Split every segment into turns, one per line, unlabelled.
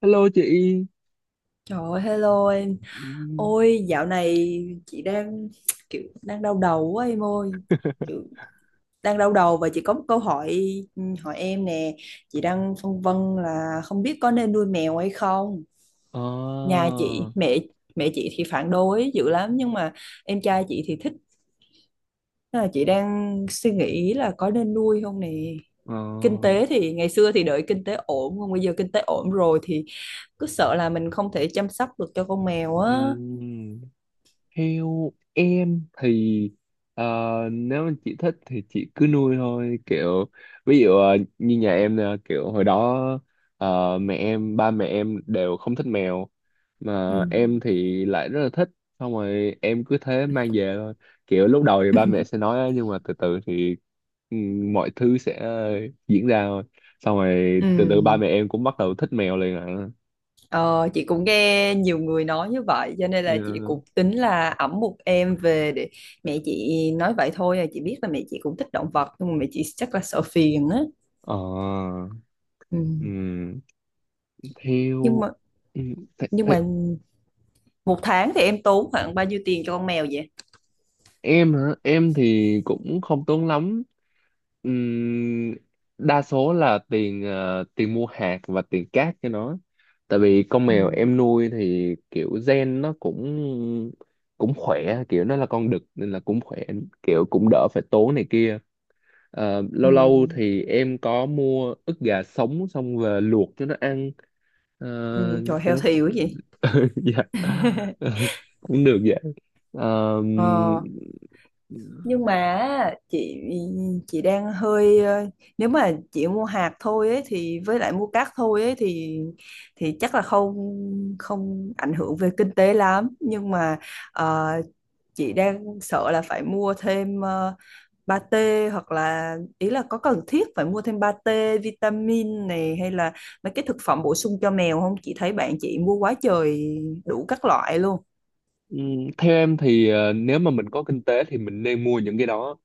Hello chị.
Trời ơi, hello em.
Ừ.
Ôi, dạo này chị đang kiểu đang đau đầu quá em ơi. Kiểu đang đau đầu và chị có một câu hỏi ừ, hỏi em nè. Chị đang phân vân là không biết có nên nuôi mèo hay không.
Ờ.
Nhà chị, mẹ mẹ chị thì phản đối dữ lắm nhưng mà em trai chị thì thích. Nên là chị đang suy nghĩ là có nên nuôi không nè.
Ờ.
Kinh tế thì ngày xưa thì đợi kinh tế ổn, còn bây giờ kinh tế ổn rồi thì cứ sợ là mình không thể chăm sóc được cho con mèo
Ừ.
á.
Theo em thì ờ, nếu mà chị thích thì chị cứ nuôi thôi, kiểu ví dụ như nhà em nè, kiểu hồi đó mẹ em ba mẹ em đều không thích mèo
Ừ.
mà em thì lại rất là thích. Xong rồi em cứ thế mang về thôi, kiểu lúc đầu thì ba mẹ sẽ nói á, nhưng mà từ từ thì ừ, mọi thứ sẽ diễn ra thôi. Xong rồi từ từ ba
Ừ,
mẹ em cũng bắt đầu thích mèo liền ạ.
ờ, chị cũng nghe nhiều người nói như vậy cho nên là chị
Yeah.
cũng tính là ẵm một em về để mẹ chị nói vậy thôi à, chị biết là mẹ chị cũng thích động vật nhưng mà mẹ chị chắc là sợ phiền á.
Ờ.
Ừ.
Ừ.
nhưng
theo
mà
ừ, th
nhưng
th
mà một tháng thì em tốn khoảng bao nhiêu tiền cho con mèo vậy?
Em hả? Em thì cũng không tốn lắm. Ừm, Đa số là tiền tiền mua hạt và tiền cát cho nó. Tại vì con
Ừ.
mèo em nuôi thì kiểu gen nó cũng cũng khỏe, kiểu nó là con đực nên là cũng khỏe, kiểu cũng đỡ phải tốn này kia. Ờ,
Ừ.
lâu lâu thì em có mua ức gà sống xong về luộc cho nó ăn. ờ,
Ừ. Trời,
cho
heo
nó
thiểu quá vậy.
dạ cũng được vậy. Ờ.
ờ,
Ừm.
nhưng mà chị chị đang hơi, nếu mà chị mua hạt thôi ấy, thì với lại mua cát thôi ấy, thì chắc là không, không ảnh hưởng về kinh tế lắm, nhưng mà ờ, chị đang sợ là phải mua thêm pate, hoặc là ý là có cần thiết phải mua thêm pate vitamin này hay là mấy cái thực phẩm bổ sung cho mèo không. Chị thấy bạn chị mua quá trời, đủ các loại luôn.
Theo em thì nếu mà mình có kinh tế thì mình nên mua những cái đó.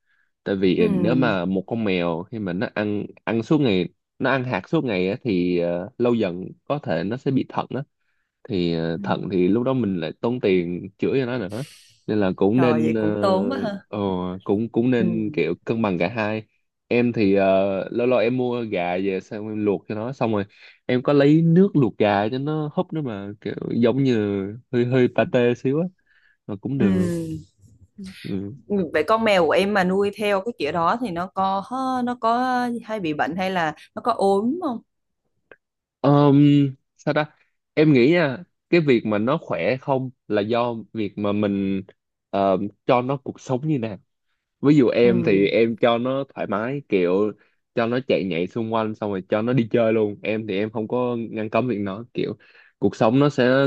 Tại
Ừ.
vì nếu mà một con mèo khi mà nó ăn ăn suốt ngày, nó ăn hạt suốt ngày á, thì lâu dần có thể nó sẽ bị thận á. Thì
Ừ.
thận thì lúc đó mình lại tốn tiền chữa cho nó nữa. Nên là cũng
Rồi
nên
vậy cũng tốn quá ha.
ờ, cũng cũng
Ừ.
nên kiểu cân bằng cả hai. Em thì lâu lâu em mua gà về xong em luộc cho nó, xong rồi em có lấy nước luộc gà cho nó húp nữa, mà kiểu giống như hơi hơi pate xíu á. Mà cũng được.
Ừ.
Ừ.
Vậy con mèo của em mà nuôi theo cái kiểu đó thì nó có hay bị bệnh hay là nó có ốm không?
Ờm, Sao ta? Em nghĩ nha, cái việc mà nó khỏe không là do việc mà mình ờ, cho nó cuộc sống như nào. Ví dụ
Ừ.
em thì em cho nó thoải mái, kiểu cho nó chạy nhảy xung quanh xong rồi cho nó đi chơi luôn. Em thì em không có ngăn cấm việc nó, kiểu cuộc sống nó sẽ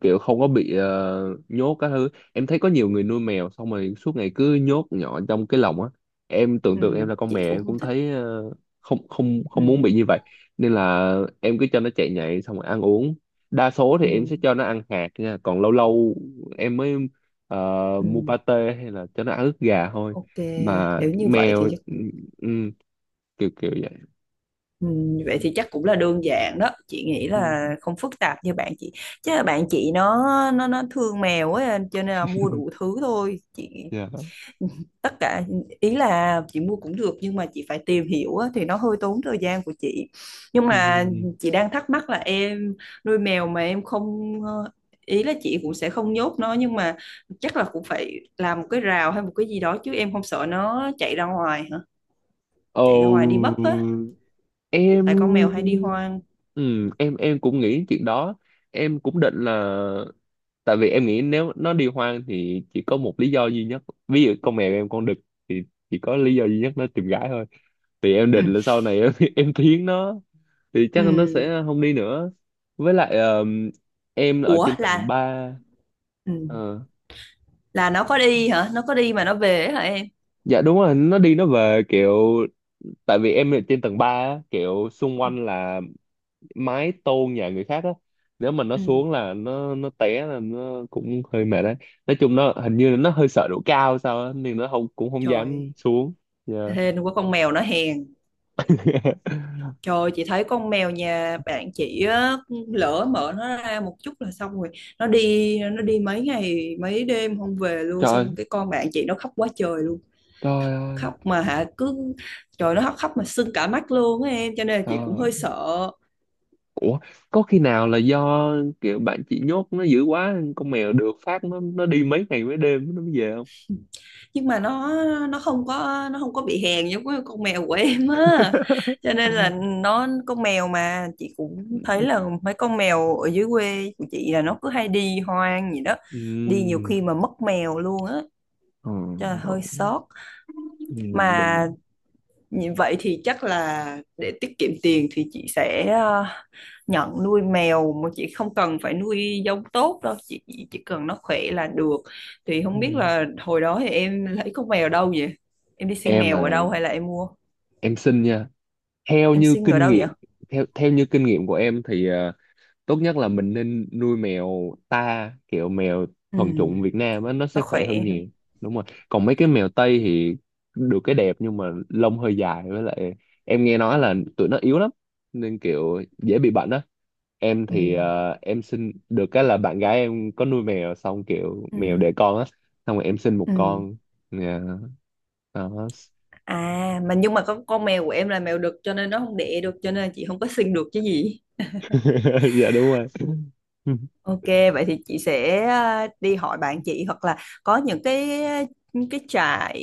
kiểu không có bị nhốt các thứ. Em thấy có nhiều người nuôi mèo xong rồi suốt ngày cứ nhốt nhỏ trong cái lồng á. Em
Ừ.
tưởng tượng em là con
Chị
mèo
cũng
em
không
cũng
thích.
thấy không, không,
Ừ.
không muốn bị như vậy. Nên là em cứ cho nó chạy nhảy xong rồi ăn uống. Đa số thì em
Ừ.
sẽ cho nó ăn hạt nha, còn lâu lâu em mới ờ, mua
Ừ.
pate hay là cho nó ăn ức gà thôi.
Ok,
Mà
nếu như vậy
mèo.
thì chắc
Ừ.
cũng-
Ừ. kiểu kiểu vậy.
ừ. vậy thì chắc cũng là đơn giản đó. Chị nghĩ
Ừ.
là không phức tạp như bạn chị. Chứ là bạn chị nó thương mèo ấy cho nên là mua đủ thứ thôi. Chị
Dạ.
tất cả, ý là chị mua cũng được nhưng mà chị phải tìm hiểu á, thì nó hơi tốn thời gian của chị. Nhưng mà
Ừ.
chị đang thắc mắc là em nuôi mèo mà em không, ý là chị cũng sẽ không nhốt nó nhưng mà chắc là cũng phải làm một cái rào hay một cái gì đó, chứ em không sợ nó chạy ra ngoài hả,
Ồ,
chạy ra ngoài đi mất á, tại con
em
mèo hay đi hoang.
em cũng nghĩ chuyện đó, em cũng định là, tại vì em nghĩ nếu nó đi hoang thì chỉ có một lý do duy nhất. Ví dụ con mèo em con đực thì chỉ có lý do duy nhất nó tìm gái thôi. Thì em
Ừ.
định là sau này em em thiến nó thì chắc
Ừ.
nó sẽ không đi nữa. Với lại em ở
Ủa,
trên tầng
là
ba
ừ,
Ờ.
là nó có đi hả, nó có đi mà nó về ấy hả em?
Dạ đúng rồi, nó đi nó về, kiểu tại vì em ở trên tầng 3 á, kiểu xung
Ừ.
quanh là mái tôn nhà người khác á. Nếu mà nó
Ừ.
xuống là nó té là nó cũng hơi mệt đấy. Nói chung nó hình như nó hơi sợ độ cao sao á nên nó không, cũng không dám
Trời,
xuống. Dạ.
hên quá, con mèo nó hèn. Trời ơi, chị thấy con mèo nhà bạn chị á, lỡ mở nó ra một chút là xong rồi, nó đi, nó đi mấy ngày mấy đêm không về luôn, xong
Trời,
cái con bạn chị nó khóc quá trời luôn. Khóc,
trời ơi,
khóc mà hả, cứ, trời, nó khóc, khóc mà sưng cả mắt luôn á em, cho nên là
trời
chị cũng
ơi.
hơi sợ.
Ủa, có khi nào là do kiểu bạn chị nhốt nó dữ quá, con mèo được phát nó đi mấy ngày mấy đêm nó mới về không?
Nhưng mà nó không có, nó không có bị hèn giống cái con mèo của em á, cho nên là nó, con mèo mà chị cũng thấy là mấy con mèo ở dưới quê của chị là nó cứ hay đi hoang gì đó, đi nhiều
Ừm.
khi mà mất mèo luôn á,
Ờ.
cho là hơi sót
Ừ. Đúng
mà.
đúng.
Như vậy thì chắc là để tiết kiệm tiền thì chị sẽ nhận nuôi mèo mà chị không cần phải nuôi giống tốt đâu, chị chỉ cần nó khỏe là được. Thì không biết
Ừ.
là hồi đó thì em lấy con mèo đâu vậy, em đi xin
em
mèo
mà
ở đâu hay là em mua,
Em xin nha. Theo
em
như
xin ở
kinh
đâu vậy?
nghiệm theo theo như kinh nghiệm của em thì tốt nhất là mình nên nuôi mèo ta, kiểu mèo
Ừ,
thuần chủng Việt Nam á, nó
nó
sẽ khỏe
khỏe
hơn
hả?
nhiều. Đúng rồi. Còn mấy cái mèo Tây thì được cái đẹp nhưng mà lông hơi dài, với lại em nghe nói là tụi nó yếu lắm nên kiểu dễ bị bệnh á. Em
Ừ,
thì em xin được cái là bạn gái em có nuôi mèo, xong kiểu mèo
ừ,
đẻ con á, xong rồi em xin một
ừ.
con. Dạ, đó.
À, mà nhưng mà con mèo của em là mèo đực cho nên nó không đẻ được cho nên chị không có xin được chứ gì.
Dạ đúng rồi.
Ok, vậy thì chị sẽ đi hỏi bạn chị, hoặc là có những cái trại,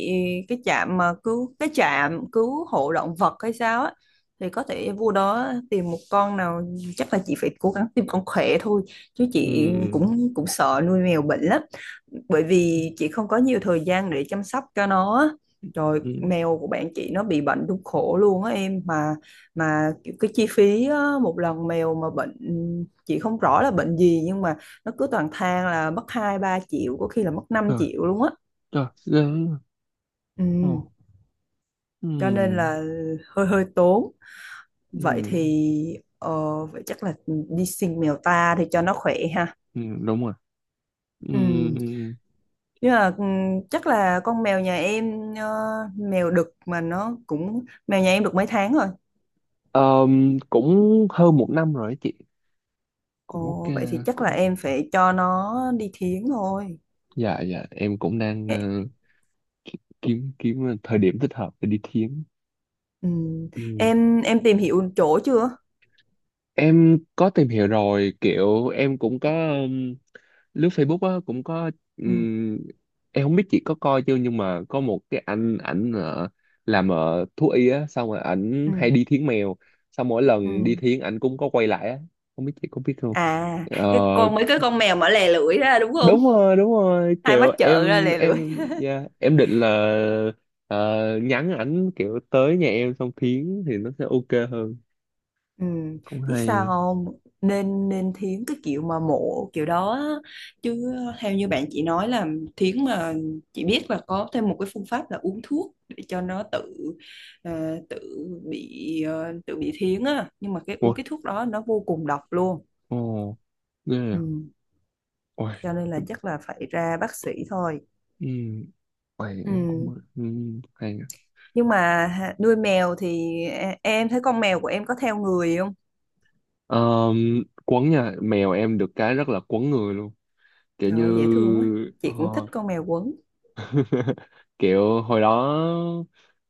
cái trạm mà cứu, cái trạm cứu hộ động vật hay sao á, thì có thể vô đó tìm một con nào. Chắc là chị phải cố gắng tìm con khỏe thôi, chứ chị
Ừ.
cũng cũng sợ nuôi mèo bệnh lắm, bởi vì chị không có nhiều thời gian để chăm sóc cho nó á. Rồi
Ừ.
mèo của bạn chị nó bị bệnh đúng khổ luôn á em, mà cái chi phí á, một lần mèo mà bệnh chị không rõ là bệnh gì nhưng mà nó cứ toàn than là mất 2-3 triệu, có khi là mất năm
Rồi.
triệu luôn á.
Rồi ghê. Ồ.
Ừ.
Ừ.
Cho nên là hơi hơi tốn. Vậy
Ừ.
thì vậy chắc là đi xin mèo ta thì cho nó khỏe ha.
Ừ. Đúng rồi. Ừ.
Ừ. Nhưng mà ừ, chắc là con mèo nhà em mèo đực mà nó cũng, mèo nhà em được mấy tháng rồi.
Cũng hơn một năm rồi á chị. Cũng ok.
Ồ, vậy thì chắc là
cũng
em phải cho nó đi thiến thôi.
dạ dạ, em cũng đang ki- kiếm kiếm thời điểm thích hợp để đi thiến.
Ừ.
Ừ.
Em tìm hiểu chỗ chưa?
Em có tìm hiểu rồi, kiểu em cũng có lướt Facebook á, cũng có.
Ừ.
ừm, em không biết chị có coi chưa, nhưng mà có một cái anh ảnh làm thú y á, xong rồi ảnh
Ừ.
hay đi thiến mèo, xong mỗi
Ừ.
lần đi thiến ảnh cũng có quay lại á. Không biết chị có biết không.
À, cái
Ờ,
con, mấy cái con mèo mà lè lưỡi ra đúng không,
đúng rồi, đúng rồi,
ai
kiểu
mắt trợn ra
em
lè lưỡi.
em yeah, em định là ờ, nhắn ảnh kiểu tới nhà em xong thiến thì nó sẽ ok hơn.
Ừ.
Cũng
Biết sao
hay.
không? Nên nên thiến cái kiểu mà mộ kiểu đó á. Chứ theo như bạn chị nói là thiến mà, chị biết là có thêm một cái phương pháp là uống thuốc để cho nó tự ờ, tự ờ, tự bị thiến á, nhưng mà cái
Ôi.
uống cái thuốc đó nó vô cùng độc luôn.
Ồ. Ghê
Ừ.
à. Ôi.
Cho nên là chắc là phải ra bác sĩ thôi.
Ừm. Ôi em
Ừ.
cũng hay.
Nhưng mà nuôi mèo thì em thấy con mèo của em có theo người không?
Ờ, quấn nha, mèo em được cái rất là quấn người luôn, kiểu
Trời
như
ơi, dễ thương quá.
ờ,
Chị cũng thích con mèo quấn.
kiểu hồi đó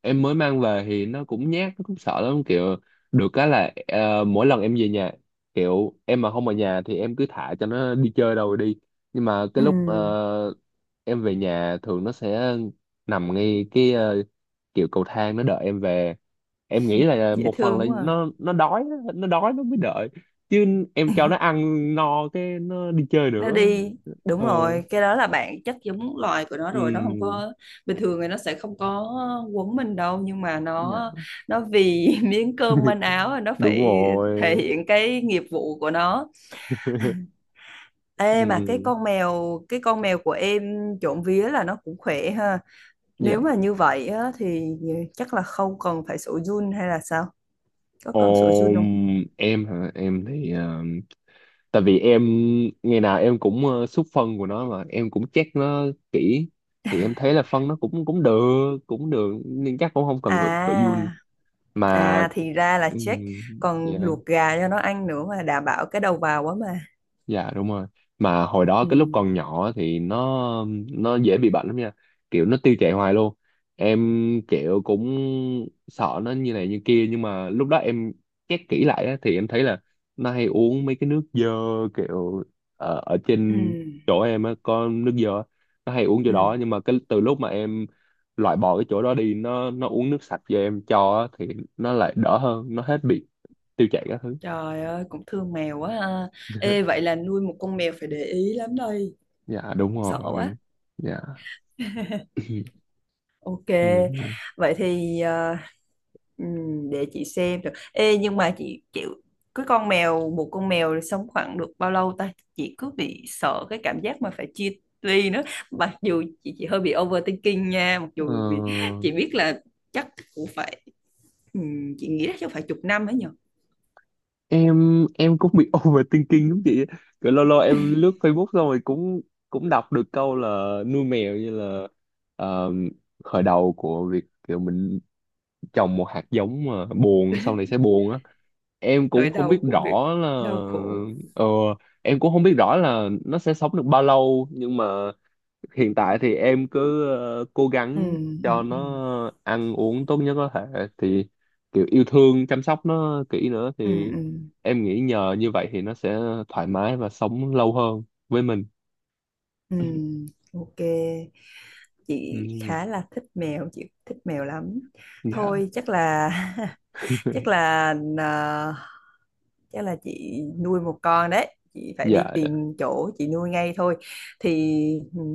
em mới mang về thì nó cũng nhát, nó cũng sợ lắm, kiểu được cái là mỗi lần em về nhà, kiểu em mà không ở nhà thì em cứ thả cho nó đi chơi đâu rồi đi, nhưng mà
Ừ.
cái lúc em về nhà thường nó sẽ nằm ngay cái kiểu cầu thang nó đợi em về. Em nghĩ là
Dễ
một phần là
thương quá, à.
nó đói á, nó đói nó mới đợi, chứ em cho nó ăn no cái nó đi chơi
Nó
nữa.
đi, đúng
Ờ.
rồi, cái đó là bạn chắc giống loài của nó
Ừ.
rồi, nó không có, bình thường thì nó sẽ không có quấn mình đâu, nhưng mà nó
Dạ,
nó vì miếng cơm manh áo nó
đúng
phải thể
rồi.
hiện cái nghiệp vụ của nó.
Ừ.
Ê, mà cái con mèo của em trộm vía là nó cũng khỏe ha.
Dạ.
Nếu mà như vậy á, thì chắc là không cần phải sổ Jun hay là sao, có cần sổ Jun
Ôm
không?
em hả? Em thì tại vì em ngày nào em cũng xúc phân của nó mà em cũng check nó kỹ. Thì em thấy là phân nó cũng cũng được cũng được, nên chắc cũng không cần phải phải giun
À,
mà.
à thì ra là
um,
check, còn luộc gà cho nó ăn nữa mà, đảm bảo cái đầu vào quá mà.
Dạ đúng rồi. Mà hồi đó
Ừ,
cái lúc còn nhỏ thì nó dễ bị bệnh lắm nha. Kiểu nó tiêu chảy hoài luôn. Em kiểu cũng sợ nó như này như kia, nhưng mà lúc đó em check kỹ lại á, thì em thấy là nó hay uống mấy cái nước dơ, kiểu ở, ở
ừ,
trên chỗ em á có nước dơ, nó hay uống chỗ đó.
ừ.
Nhưng mà cái từ lúc mà em loại bỏ cái chỗ đó đi nó uống nước sạch cho em cho á, thì nó lại đỡ hơn, nó hết bị tiêu chảy các thứ.
Trời ơi, cũng thương mèo quá ha. Ê, vậy là nuôi một con mèo phải để ý lắm đây.
Dạ đúng
Sợ quá.
rồi. Dạ.
Ok,
Ừ.
vậy thì để chị xem được. Ê, nhưng mà chị chịu, cái con mèo, một con mèo sống khoảng được bao lâu ta? Chị cứ bị sợ cái cảm giác mà phải chia ly nữa. Mặc dù chị hơi bị overthinking nha, mặc dù vì
Ờ,
chị biết là chắc cũng phải, chị nghĩ là chắc phải chục năm ấy nhở.
em cũng bị overthinking lắm chị. Kiểu lâu lâu em lướt Facebook xong rồi cũng cũng đọc được câu là nuôi mèo như là ờ, khởi đầu của việc kiểu mình trồng một hạt giống mà buồn, sau này sẽ buồn á. Em
Thời
cũng không biết
đau của việc
rõ là
đau khổ.
ờ, em cũng không biết rõ là nó sẽ sống được bao lâu, nhưng mà hiện tại thì em cứ cố
Ừ,
gắng
ừ,
cho
ừ,
nó ăn uống tốt nhất có thể thì kiểu yêu thương chăm sóc nó kỹ nữa
ừ,
thì
ừ,
em nghĩ nhờ như vậy thì nó sẽ thoải mái và sống lâu hơn với mình.
ừ, ok. Chị
Ừ.
khá là thích mèo, chị thích mèo lắm.
Dạ.
Thôi chắc là chắc là ờ, chắc là chị nuôi một con đấy, chị phải đi
Dạ.
tìm chỗ chị nuôi ngay thôi. Thì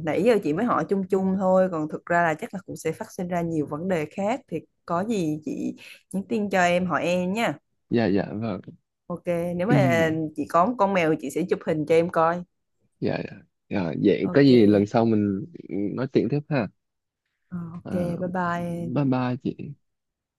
nãy giờ chị mới hỏi chung chung thôi, còn thực ra là chắc là cũng sẽ phát sinh ra nhiều vấn đề khác, thì có gì chị nhắn tin cho em hỏi em nha.
Dạ dạ vâng.
Ok. Nếu mà chị có một con mèo chị sẽ chụp hình cho em coi.
Dạ dạ. Dạ, vậy có
Ok.
gì lần sau mình nói chuyện tiếp ha.
Ờ, ok
À,
bye bye.
bye bye chị.